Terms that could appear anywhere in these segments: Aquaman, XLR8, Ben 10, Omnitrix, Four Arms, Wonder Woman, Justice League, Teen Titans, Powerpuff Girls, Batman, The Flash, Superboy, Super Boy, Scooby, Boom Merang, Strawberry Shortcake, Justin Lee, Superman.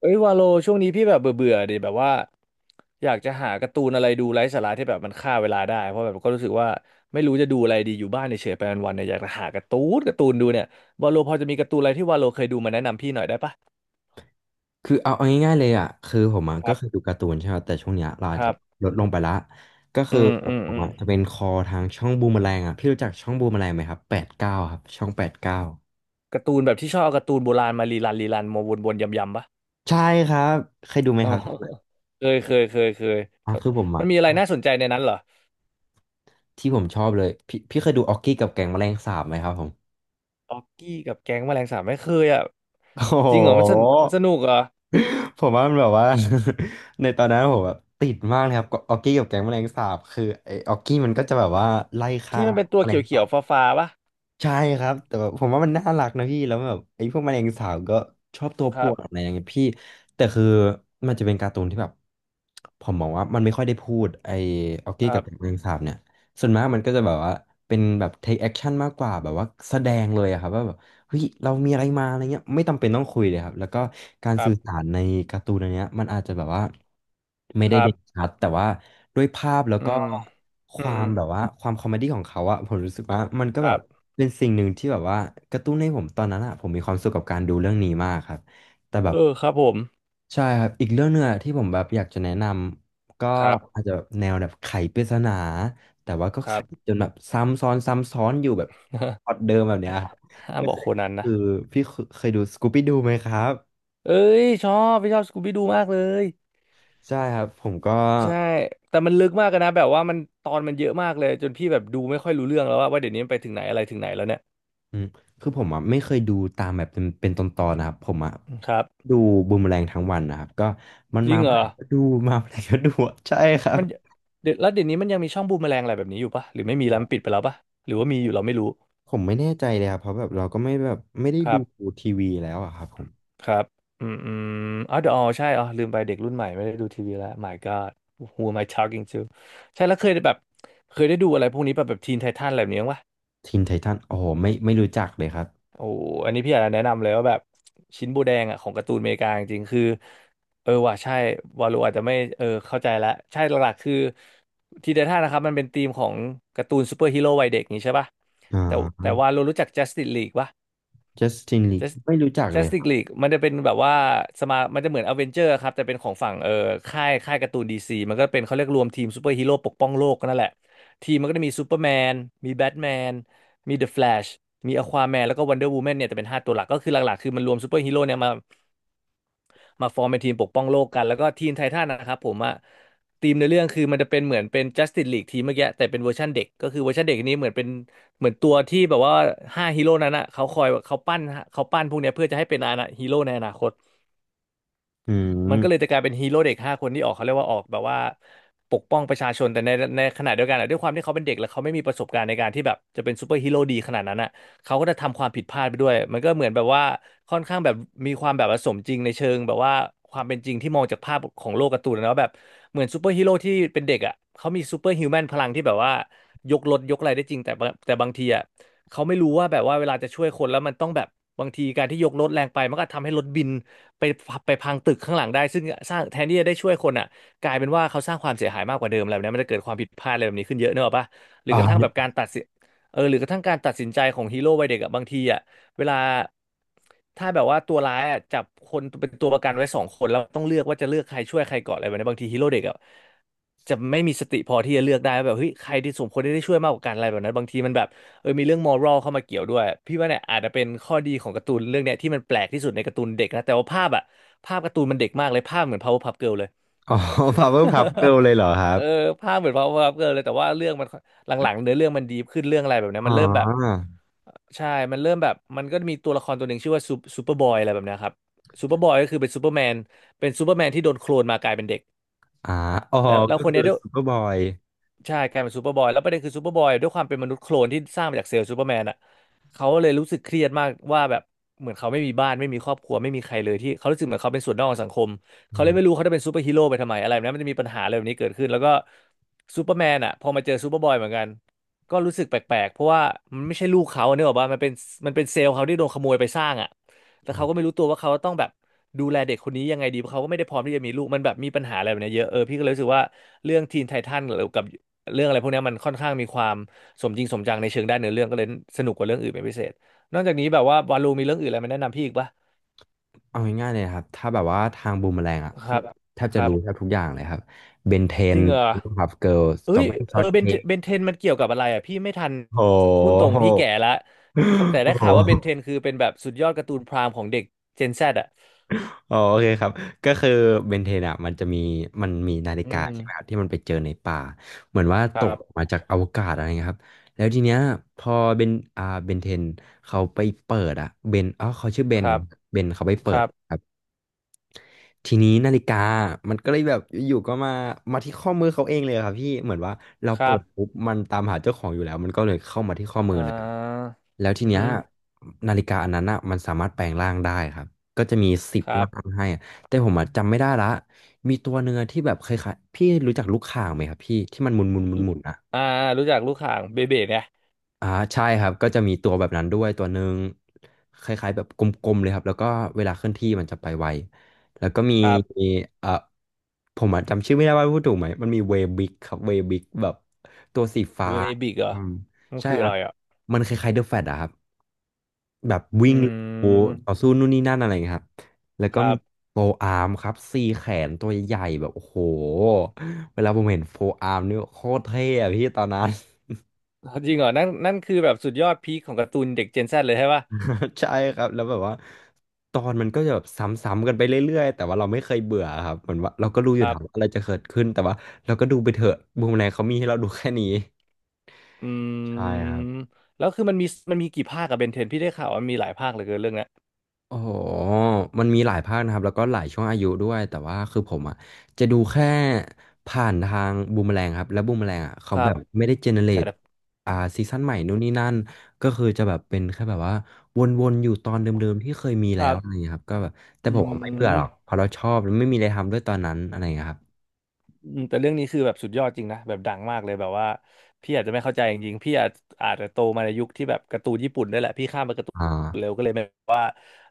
เอ้ยวาโลช่วงนี้พี่แบบเบื่อเบื่อดิแบบว่าอยากจะหาการ์ตูนอะไรดูไร้สาระที่แบบมันฆ่าเวลาได้เพราะแบบก็รู้สึกว่าไม่รู้จะดูอะไรดีอยู่บ้านเฉยๆไปวันๆเนี่ยอยากจะหาการ์ตูนดูเนี่ยวาโลพอจะมีการ์ตูนอะไรที่วาโลเคยดูมาแนะนำพี่หน่อยได้ปะคือเอาง่ายๆเลยอ่ะคือผมอ่ะคก็รัคือดูบการ์ตูนใช่ไหมแต่ช่วงเนี้ยเราคอาจจะรับลดลงไปละก็อืคือมอืมผมอืมอ่ะจะเป็นคอทางช่องบูมเมอแรงอ่ะพี่รู้จักช่องบูมเมอแรงไหมครับแปดเก้าครับช่องแปดเก้าการ์ตูนแบบที่ชอบเอาการ์ตูนโบราณมารีรันมาวนๆยำๆปะใช่ครับเคยดูไหมอ๋อครับช่องนั้นเคยอ่ะถ้าคือผมมัอ่ะนมีชอะไรอบน่าสนใจในนั้นเหรอที่ผมชอบเลยพี่เคยดูออกกี้กับแก๊งแมลงสาบไหมครับผมออกกี้กับแก๊งแมลงสาบไม่เคยอ่ะโอ้โจริงเหรอมันสหนมันสนุกเหรอผมว่ามันแบบว่า ในตอนนั้นผมแบบติดมากเลยครับก็ออกกี้กับแก๊งแมลงสาบคือไอ้ออกกี้มันก็จะแบบว่าไล่ฆ่าที่มันเป็นตัแมวเลงขีสายวบ ๆฟ้าๆปะ ใช่ครับแต่แบบผมว่ามันน่ารักนะพี่แล้วแบบไอ้พวกแมลงสาบก็ชอบตัวคป่รัวบ นอะไรอย่างเงี้ยพี่แต่คือมันจะเป็นการ์ตูนที่แบบผมมองว่ามันไม่ค่อยได้พูดไอ้ออกคกี้รักับแมลบ งสาบเนี่ยส่วนมากมันก็จะแบบว่าเป็นแบบ take action มากกว่าแบบว่าแสดงเลยอะครับว่าแบบ เฮ้ยเรามีอะไรมาอะไรเงี้ยไม่จำเป็นต้องคุยเลยครับแล้วก็การครัสื่อสาบรในการ์ตูนอันเนี้ยมันอาจจะแบบว่าไม่คได้รัเด่บนชัดแต่ว่าด้วยภาพแล้วอืก็มคอืวามมแบบว่าความคอมเมดี้ของเขาอะผมรู้สึกว่ามันก็คแบรับบเป็นสิ่งหนึ่งที่แบบว่ากระตุ้นให้ผมตอนนั้นอะผมมีความสุขกับการดูเรื่องนี้มากครับแต่แบเอบอครับผมใช่ครับอีกเรื่องหนึ่งอะที่ผมแบบอยากจะแนะนำก็ครับ อาจจะแนวแบบไขปริศนาแต่ว่าก็คไขรับ จนแบบซ้ำซ้อนอยู่แบบพล็อตเดิมแบบเนี้ยครับ ห้ามบ อกโคนันคืนะอพี่เคยดูสกูปี้ดูไหมครับเอ้ยชอบพี่ชอบสกูบี้ดูมากเลยใช่ครับผมก็ใช่แต่มันลึกมากเลยนะแบบว่ามันตอนมันเยอะมากเลยจนพี่แบบดูไม่ค่อยรู้เรื่องแล้วว่าเดี๋ยวนี้มันไปถึงไหนอะไรถึงไหนแล้วเนี่ยอืมคือผมอ่ะไม่เคยดูตามแบบเป็นตอนๆนะครับผมอ่ะครับดูบูมแรงทั้งวันนะครับก็มันจริมางเหรเมื่อไหอร่ก็ดูมาเมื่อไหร่ ก็ดูอะใช่ครัมับนเดี๋ยวแล้วเดี๋ยวนี้มันยังมีช่องบูมแมลงอะไรแบบนี้อยู่ปะหรือไม่มีโอแล้วมันปิดไป้แล้วปะหรือว่ามีอยู่เราไม่รู้ผมไม่แน่ใจเลยครับเพราะแบบเราก็ไม่แบบไม่ได้คดูรับ ทีวีแล้วอะครับผมครับอืมอืมอ๋อเดอะออใช่อ๋อลืมไปเด็กรุ่นใหม่ไม่ได้ดูทีวีแล้ว Oh My God who am I talking to ใช่แล้วเคยได้แบบเคยได้ดูอะไรพวกนี้แบบทีนไททันอะไรแบบนี้บ้างวะทีนไททันโอ้โหไม่รู้จักเลยครับโอ้อันนี้พี่อยากจะแนะนำเลยว่าแบบชิ้นโบแดงอ่ะของการ์ตูนอเมริกาจริงๆคือ เออว่ะใช่วาโลอาจจะไม่เข้าใจแล้วใช่หลักๆคือทีนไททันนะครับมันเป็นธีมของการ์ตูนซูเปอร์ฮีโร่วัยเด็กนี้ใช่ป่ะ อ่แต่แต่าวาโลรู้จัก Justice League ปะ จัสตินลี Just- ไม่รู้จักเลยค Justice รับ League มันจะเป็นแบบว่าสมามันจะเหมือนอเวนเจอร์ครับแต่เป็นของฝั่งค่ายการ์ตูนดีซีมันก็เป็นเขาเรียกรวมทีมซูเปอร์ฮีโร่ปกป้องโลกก็นั่นแหละทีมมันก็จะมีซูเปอร์แมนมีแบทแมนมีเดอะแฟลชมีอควาแมนแล้วก็วันเดอร์วูแมนเนี่ยแต่เป็น5ตัวหลักก็คือหลักๆคือมันรวมซูเปอร์ฮีโร่เนี่ยมา มาฟอร์มเป็นทีมปกป้องโลกกันแล้วก็ทีมไททันนะครับผมอะทีมในเรื่องคือมันจะเหมือนเป็น Justice League ทีมเมื่อกี้แต่เป็นเวอร์ชันเด็กก็คือเวอร์ชันเด็กนี้เหมือนเป็นเหมือนตัวที่แบบว่าห้าฮีโร่นั้นอะเขาคอยเขาปั้นเขาปั้นพวกเนี้ยเพื่อจะให้เป็นอาณาฮีโร่ในอนาคต อืมันก็เลมยจะกลายเป็นฮีโร่เด็กห้าคนที่ออกเขาเรียกว่าออกแบบว่าปกป้องประชาชนแต่ในขณะเดียวกันอะด้วยความที่เขาเป็นเด็กแล้วเขาไม่มีประสบการณ์ในการที่แบบจะเป็นซูเปอร์ฮีโร่ดีขนาดนั้นอ่ะเขาก็จะทำความผิดพลาดไปด้วยมันก็เหมือนแบบว่าค่อนข้างแบบมีความแบบว่าสมจริงในเชิงแบบว่าความเป็นจริงที่มองจากภาพของโลกการ์ตูนนะว่าแบบเหมือนซูเปอร์ฮีโร่ที่เป็นเด็กอ่ะเขามีซูเปอร์ฮิวแมนพลังที่แบบว่ายกรถยกอะไรได้จริงแต่บางทีอ่ะ เขาไม่รู้ว่าแบบว่าเวลาจะช่วยคนแล้วมันต้องแบบบางทีการที่ยกรถแรงไปมันก็ทำให้รถบินไปไปพังตึกข้างหลังได้ซึ่งสร้างแทนที่จะได้ช่วยคนอ่ะกลายเป็นว่าเขาสร้างความเสียหายมากกว่าเดิมอะไรแบบนี้มันจะเกิดความผิดพลาดอะไรแบบนี้ขึ้นเยอะเนกอะปะหรืออ๋อ กระทั่งแบบการ ตัดสินเออหรือกระทั่งการตัดสินใจของฮีโร่วัยเด็กอะบางทีอ่ะเวลาถ้าแบบว่าตัวร้ายอ่ะจับคนเป็นตัวประกันไว้สองคนแล้วต้องเลือกว่าจะเลือกใครช่วยใครก่อนอะไรแบบนี้บางทีฮีโร่เด็กอ่ะจะไม่มีสติพอที่จะเลือกได้ว่าแบบเฮ้ยใครที่สมควรได้ช่วยมากกว่ากันอะไรแบบนั้นบางทีมันแบบ เออมีเรื่องมอรัลเข้ามาเกี่ยวด้วยพี่ว่าเนี่ยอาจจะเป็นข้อดีของการ์ตูนเรื่องเนี้ยที่มันแปลกที่สุดในการ์ตูนเด็กนะแต่ว่าภาพอะภาพการ์ตูนมันเด็กมากเลยภาพเหมือน Powerpuff Girl เลย อ๋อพาวเวอร์พับเกิลเลยเหรอครั เอบอภาพเหมือน Powerpuff Girl เลยแต่ว่าเรื่องมันหลังๆเนื้อเรื่องมันดีขึ้นเรื่องอะไรแบบเนี้ยอ๋อ มันเริ่มแบบใช่มันเริ่มแบบมันก็มีตัวละครตัวหนึ่งชื่อว่าซูเปอร์บอยอะไรแบบเนี้ยครับซูเปอร์บอยก็คือเป็นซูเปอร์แมนเป็นซูเปอร์แมนที่โดนโคลนมากลายเป็นเด็กอ่าอ๋อแล้วก็คนคืเนี้อยด้วย ซูเปอร์บอยใช่กลายเป็นซูเปอร์บอยแล้วประเด็นคือซูเปอร์บอยด้วยความเป็นมนุษย์โคลนที่สร้างมาจากเซลล์ซูเปอร์แมนอ่ะเขาเลยรู้สึกเครียดมากว่าแบบเหมือนเขาไม่มีบ้านไม่มีครอบครัวไม่มีใครเลยที่เขารู้สึกเหมือนเขาเป็นส่วนนอกของสังคมอืเขาเลยมไม่รู้เขาจะเป็นซูเปอร์ฮีโร่ไปทำไมอะไรแบบนั้นมันจะมีปัญหาอะไรแบบนี้เกิดขึ้นแล้วก็ซูเปอร์แมนอ่ะพอมาเจอซูเปอร์บอยเหมือนกันก็รู้สึกแปลกๆเพราะว่ามันไม่ใช่ลูกเขาเนี่ยหรอกว่ามันเป็นเซลล์เขาที่โดนขโมยไปสร้างอ่ะแต่อืเขามก็ไม่รู้ตัวว่าเขาต้องแบบดูแลเด็กคนนี้ยังไงดีเพราะเขาก็ไม่ได้พร้อมที่จะมีลูกมันแบบมีปัญหาอะไรแบบเนี้ยเยอะเออพี่ก็เลยรู้สึกว่าเรื่องทีนไททันหรือกับ เรื่องอะไรพวกเนี้ยมันค่อนข้างมีความสมจริงสมจังในเชิงด้านเนื้อเรื่องก็เลยสนุกกว่าเรื่องอื่นเป็นพิเศษนอกจากนี้แบบว่าวาลูมีเรื่องอื่นอะไรมาแนะนำพี่อีกปะเอาง่ายๆเลยนะครับถ้าแบบว่าทางบูมแมลงอ่ะคคือรับแทบคจะรับรู้แทบทุกอย่างเลยครับเบนเทจนริงเหรคอรับเกิร์ลสเอ้ตรอยเบอรี่เอช็ออตเบนเค้กเบนเทนมันเกี่ยวกับอะไรอ่ะพี่ไม่ทันโอ้พูดตรงโหพี่แก่ละครับแต่โอ้ได้โหข่าวว่าเบนเทนคือเป็นแบบสุดยอดการ์ตูนพรามของเด็กเจนแซดอ่ะอ๋อโอเคครับก็คือเบนเทนอ่ะมันจะมีมันมีนาฬิอืกามใช่ไหมครับที่มันไปเจอในป่าเหมือนว่าคตรักบมาจากอวกาศอะไรเงี้ยครับแล้วทีเนี้ยพอเบนอ่าเบนเทนเขาไปเปิดอ่ะเบนอ๋อเขาชื่อเบคนเนรัอะบเบนเขาไปคเปิดรับครับ ทีนี้นาฬิกามันก็เลยแบบอยู่ๆก็มามาที่ข้อมือเขาเองเลยครับพี่ เหมือนว่าเราคเปิรับดปุ๊บมันตามหาเจ้าของอยู่แล้วมันก็เลยเข้ามาที่ข้อมืออ่าเลยแล้วทีอืเนี้ยมนาฬิกาอันนั้นอ่ะมันสามารถแปลงร่างได้ครับก็จะมีสิบครับร่างให้อะแต่ผมอ่ะจำไม่ได้ละมีตัวเนื้อะที่แบบเคยๆพี่รู้จักลูกข่างไหมครับพี่ที่มันหมุนหมุนหมุนหมุน อ่ารู้จักลูกข่างเบเบะเนี่ยอ่าใช่ครับก็จะมีตัวแบบนั้นด้วยตัวหนึ่งคล้ายๆแบบกลมๆเลยครับแล้วก็เวลาเคลื่อนที่มันจะไปไวแล้วก็มีครับ เอ่อผมอะจำชื่อไม่ได้ว่าพูดถูกไหมมันมีเวบิกครับเวบิกแบบตัวสีฟ้าเบบิกเหรออืมมันใช่คือคอะรับไรอ่ะ มันคล้ายๆเดอะแฟตอะครับแบบวิ่งอืโอ้มต่อสู้นู่นนี่นั่นอะไรอย่างเงี้ยครับแล้วก็ครัมีบ โฟอาร์มครับ4 แขนตัวใหญ่ๆแบบโอ้โหเวลาผมเห็นโฟอาร์มนี่โคตรเท่อะพี่ตอนนั้น จริงเหรอนั่นคือแบบสุดยอดพีคของการ์ตูนเด็กเจนแซดเลยใช่ป่ะ ใช่ครับแล้วแบบว่าตอนมันก็จะแบบซ้ำๆกันไปเรื่อยๆแต่ว่าเราไม่เคยเบื่อครับเหมือนว่าเราก็รู้อคยู่รัถาบ มว่าอะไรจะเกิดขึ้นแต่ว่าเราก็ดูไปเถอะบูมแรงเขามีให้เราดูแค่นี้อืใช่ครับ มแล้วคือมันมีกี่ภาคกับเบนเทนพี่ได้ข่าวว่ามีหลายภาคเหลือเกินเรื่องเนี้ยโอ้โหมันมีหลายภาคนะครับแล้วก็หลายช่วงอายุด้วยแต่ว่าคือผมอ่ะจะดูแค่ผ่านทางบูมแมลงครับแล้วบูมแมลงอ่ะเขาครัแบบ บไม่ได้เจเนเรใช่ตแล้วอ่าซีซั่นใหม่นู่นนี่นั่นก็คือจะแบบเป็นแค่แบบว่าวนๆอยู่ตอนเดิมๆที่เคยมีคแล้วรัอะไรอย่าบ งเงี้ยครับก็แบบแต่อืผมอะไม่เบื่อหรอกเพม ราะเราชอบแล้วไม่มีอะไรทำด้วยตอนนั้นอะไรอย่างเงี้ยครับอืมแต่เรื่องนี้คือแบบสุดยอดจริงนะแบบดังมากเลยแบบว่าพี่อาจจะไม่เข้าใจจริงๆพี่อาจจะโตมาในยุคที่แบบการ์ตูนญี่ปุ่นด้วยแหละพี่ข้ามไปการ์ตูนอ่า เร็วก็เลยไม่ว่า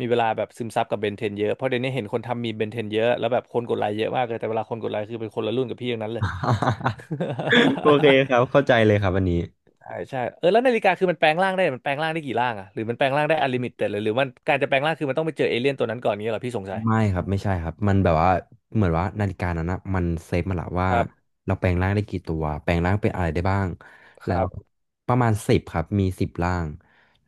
มีเวลาแบบซึมซับกับเบนเทนเยอะเพราะเดี๋ยวนี้เห็นคนทำมีมเบนเทนเยอะแล้วแบบคนกดไลค์เยอะมากเลยแต่เวลาคนกดไลค์คือเป็นคนละรุ่นกับพี่อย่างนั้นเลย โอเค ครับเข้าใจเลยครับวันนี้ ใช่ใช่เออแล้วนาฬิกาคือมันแปลงร่างได้มันแปลงร่างได้กี่ร่างอะหรือมันแปลงร่างได้อลิมิตต่หรือหรือมันการจะแปลงร่างคือมันต้องไปเจอเอเลี่ยนตัวนั้นก่อนนี้ยเหรอพี่สงสัยไม่ครับไม่ใช่ครับมันแบบว่าเหมือนว่านาฬิกานั้นนะมันเซฟมาละว่าครับเราแปลงร่างได้กี่ตัวแปลงร่างเป็นอะไรได้บ้างคแล้รัวบประมาณสิบครับมีสิบร่าง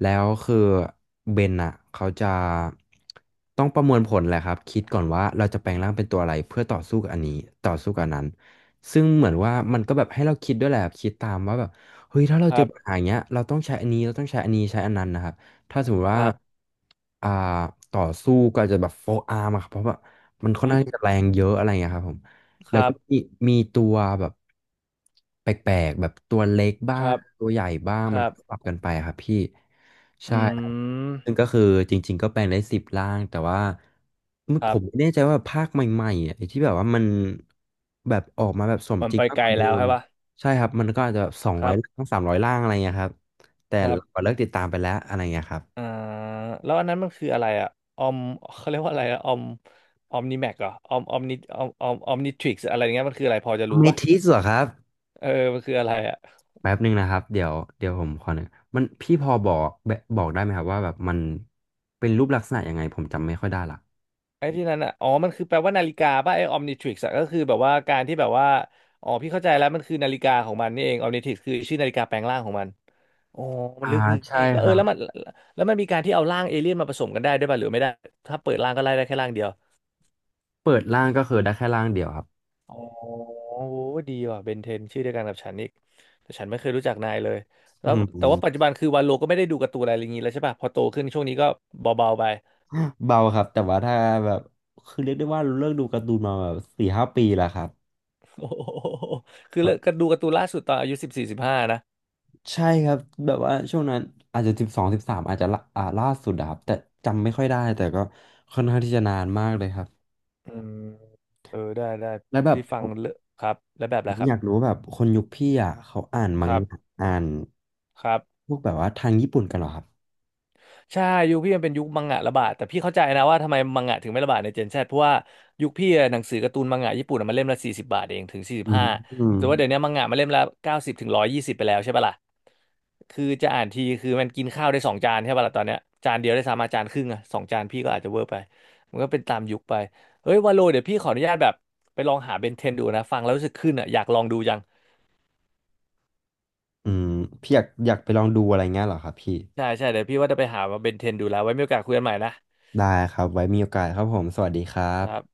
แล้วคือเบนอ่ะเขาจะต้องประมวลผลแหละครับคิดก่อนว่าเราจะแปลงร่างเป็นตัวอะไรเพื่อต่อสู้กับอันนี้ต่อสู้กับอันนั้นซึ่งเหมือนว่ามันก็แบบให้เราคิดด้วยแหละครับคิดตามว่าแบบเฮ้ยถ้าเราคเจรัอปัญหาบอย่างเงี้ยเราต้องใช้อันนี้เราต้องใช้อันนี้ใช้อันนั้นนะครับ ถ้าสมมติคว่ารับอ่าต่อสู้ก็อาจจะแบบโฟอาร์มอะครับเพราะว่ามันค่ออืนข้างที่จะมแรงเยอะอะไรอย่างเงี้ยครับผมคแล้วรัก็บ มีมีตัวแบบแปลกๆแบบตัวเล็กคบ้ารังบตัวใหญ่บ้างคมันรัก็บปรับกันไปอะครับพี่ใช่อืครับมซึ่งก็คือจริงๆก็แปลงได้สิบร่างแต่ว่าคผรับมไม่แน่ใจว่าภาคใหม่ๆอ่ะไอ้ที่แบบว่ามันแบบออกมาแบบสมมันจริไปงมากไกกลว่าเดิแล้วมใช่ปะใช่ครับมันก็อาจจะสองคร้อรัยบร่างสามร้อยร่างอะไรเงี้ยครับแต่ครัเราบเลิกติดตามไปแล้วอะไรเงี้ยครับ อ่าแล้วอันนั้นมันคืออะไรอะออมเขาเรียกว่าอะไรอะออมออมนิแม็กเหรอออมออมนิออมออมออมนิทริกซ์อะไรเงี้ยมันคืออะไรพอจะรู้เมปะทิสเหรอครับเออมันคืออะไรอะแป๊บหนึ่งนะครับเดี๋ยวผมขอหนึ่งมันพี่พอบอกแบบบอกได้ไหมครับว่าแบบมันเป็นรูปลักษณะยังไงผมจำไม่ค่อยได้ละไอ้ที่นั้นอะอ๋อมันคือแปลว่านาฬิกาปะไอ้ออมนิทริกซ์ก็คือแบบว่าการที่แบบว่าอ๋อพี่เข้าใจแล้วมันคือนาฬิกาของมันนี่เองออมนิทริกซ์คือชื่อนาฬิกาแปลงร่างของมัน โอ้มันอ่าลึกนีใช่่แล้วคเออรับแล้วมันมีการที่เอาร่างเอเลี่ยนมาผสมกันได้ด้วยป่ะหรือไม่ได้ถ้าเปิดร่างก็ไล่ได้แค่ร่างเดียวเปิดร่างก็คือได้แค่ร่างเดียวครับอ๋อโอ้ดีว่ะเบนเทนชื่อเดียวกันกับฉันอีกแต่ฉันไม่เคยรู้จักนายเลยแล้อืวมแต่ว่าปัจจุบันคือวันโลก็ไม่ได้ดูการ์ตูนอะไรอย่างนี้แล้วใช่ป่ะ พอโตขึ้นช่วงนี้ก็เบาๆไป เบาครับแต่ว่าถ้าแบบคือเรียกได้ว่าเลิกดูการ์ตูนมาแบบ4-5 ปีแล้วครับ โอ้โหคือเลิกก็ดูการ์ตูนล่าสุดตอนอายุ14สิบห้านะใช่ครับแบบว่าช่วงนั้นอาจจะ12-13อาจจะละอ่าล่าสุดอะครับแต่จำไม่ค่อยได้แต่ก็ค่อนข้างที่จะนานมากเลยครับอืมเออได้ได้แล้วแบบ พี่ฟังเลอะครับแล้วแบบผอะไรมคอรับยากรู้แบบคนยุคพี่อ่ะเขาอ่านมัคงรับงะอ่านครับ พวกแบบว่าทางญี่ปุ่นกันเหรอครับ ใช่ยุคพี่มันเป็นยุคมังงะระบาดแต่พี่เข้าใจนะว่าทำไมมังงะถึงไม่ระบาดในเจนแซดเพราะว่ายุคพี่อะหนังสือการ์ตูนมังงะญี่ปุ่นอะมันเล่มละ40 บาทเองถึงสี่สิอืบม ห้าอืมแต่ว่าเดี๋ยวนี้มังงะมันเล่มละ90ถึง120ไปแล้วใช่ปะล่ะคือจะอ่านทีคือมันกินข้าวได้สองจานใช่ปะล่ะตอนเนี้ยจานเดียวได้สามอาจานครึ่งอะสองจานพี่ก็อาจจะเวอร์ไปมันก็เป็นตามยุคไปเฮ้ยวาโลเดี๋ยวพี่ขออนุญาตแบบไปลองหาเบนเทนดูนะฟังแล้วรู้สึกขึ้นอะอยากลองดูจังอืมพี่อยากไปลองดูอะไรเงี้ยเหรอครับพี่ ใช่ใช่เดี๋ยวพี่ว่าจะไปหามาเบนเทนดูแล้วไว้มีโอกาสคุยกันใหม่นะได้ครับไว้มีโอกาสครับผม สวัสดีครัครับบ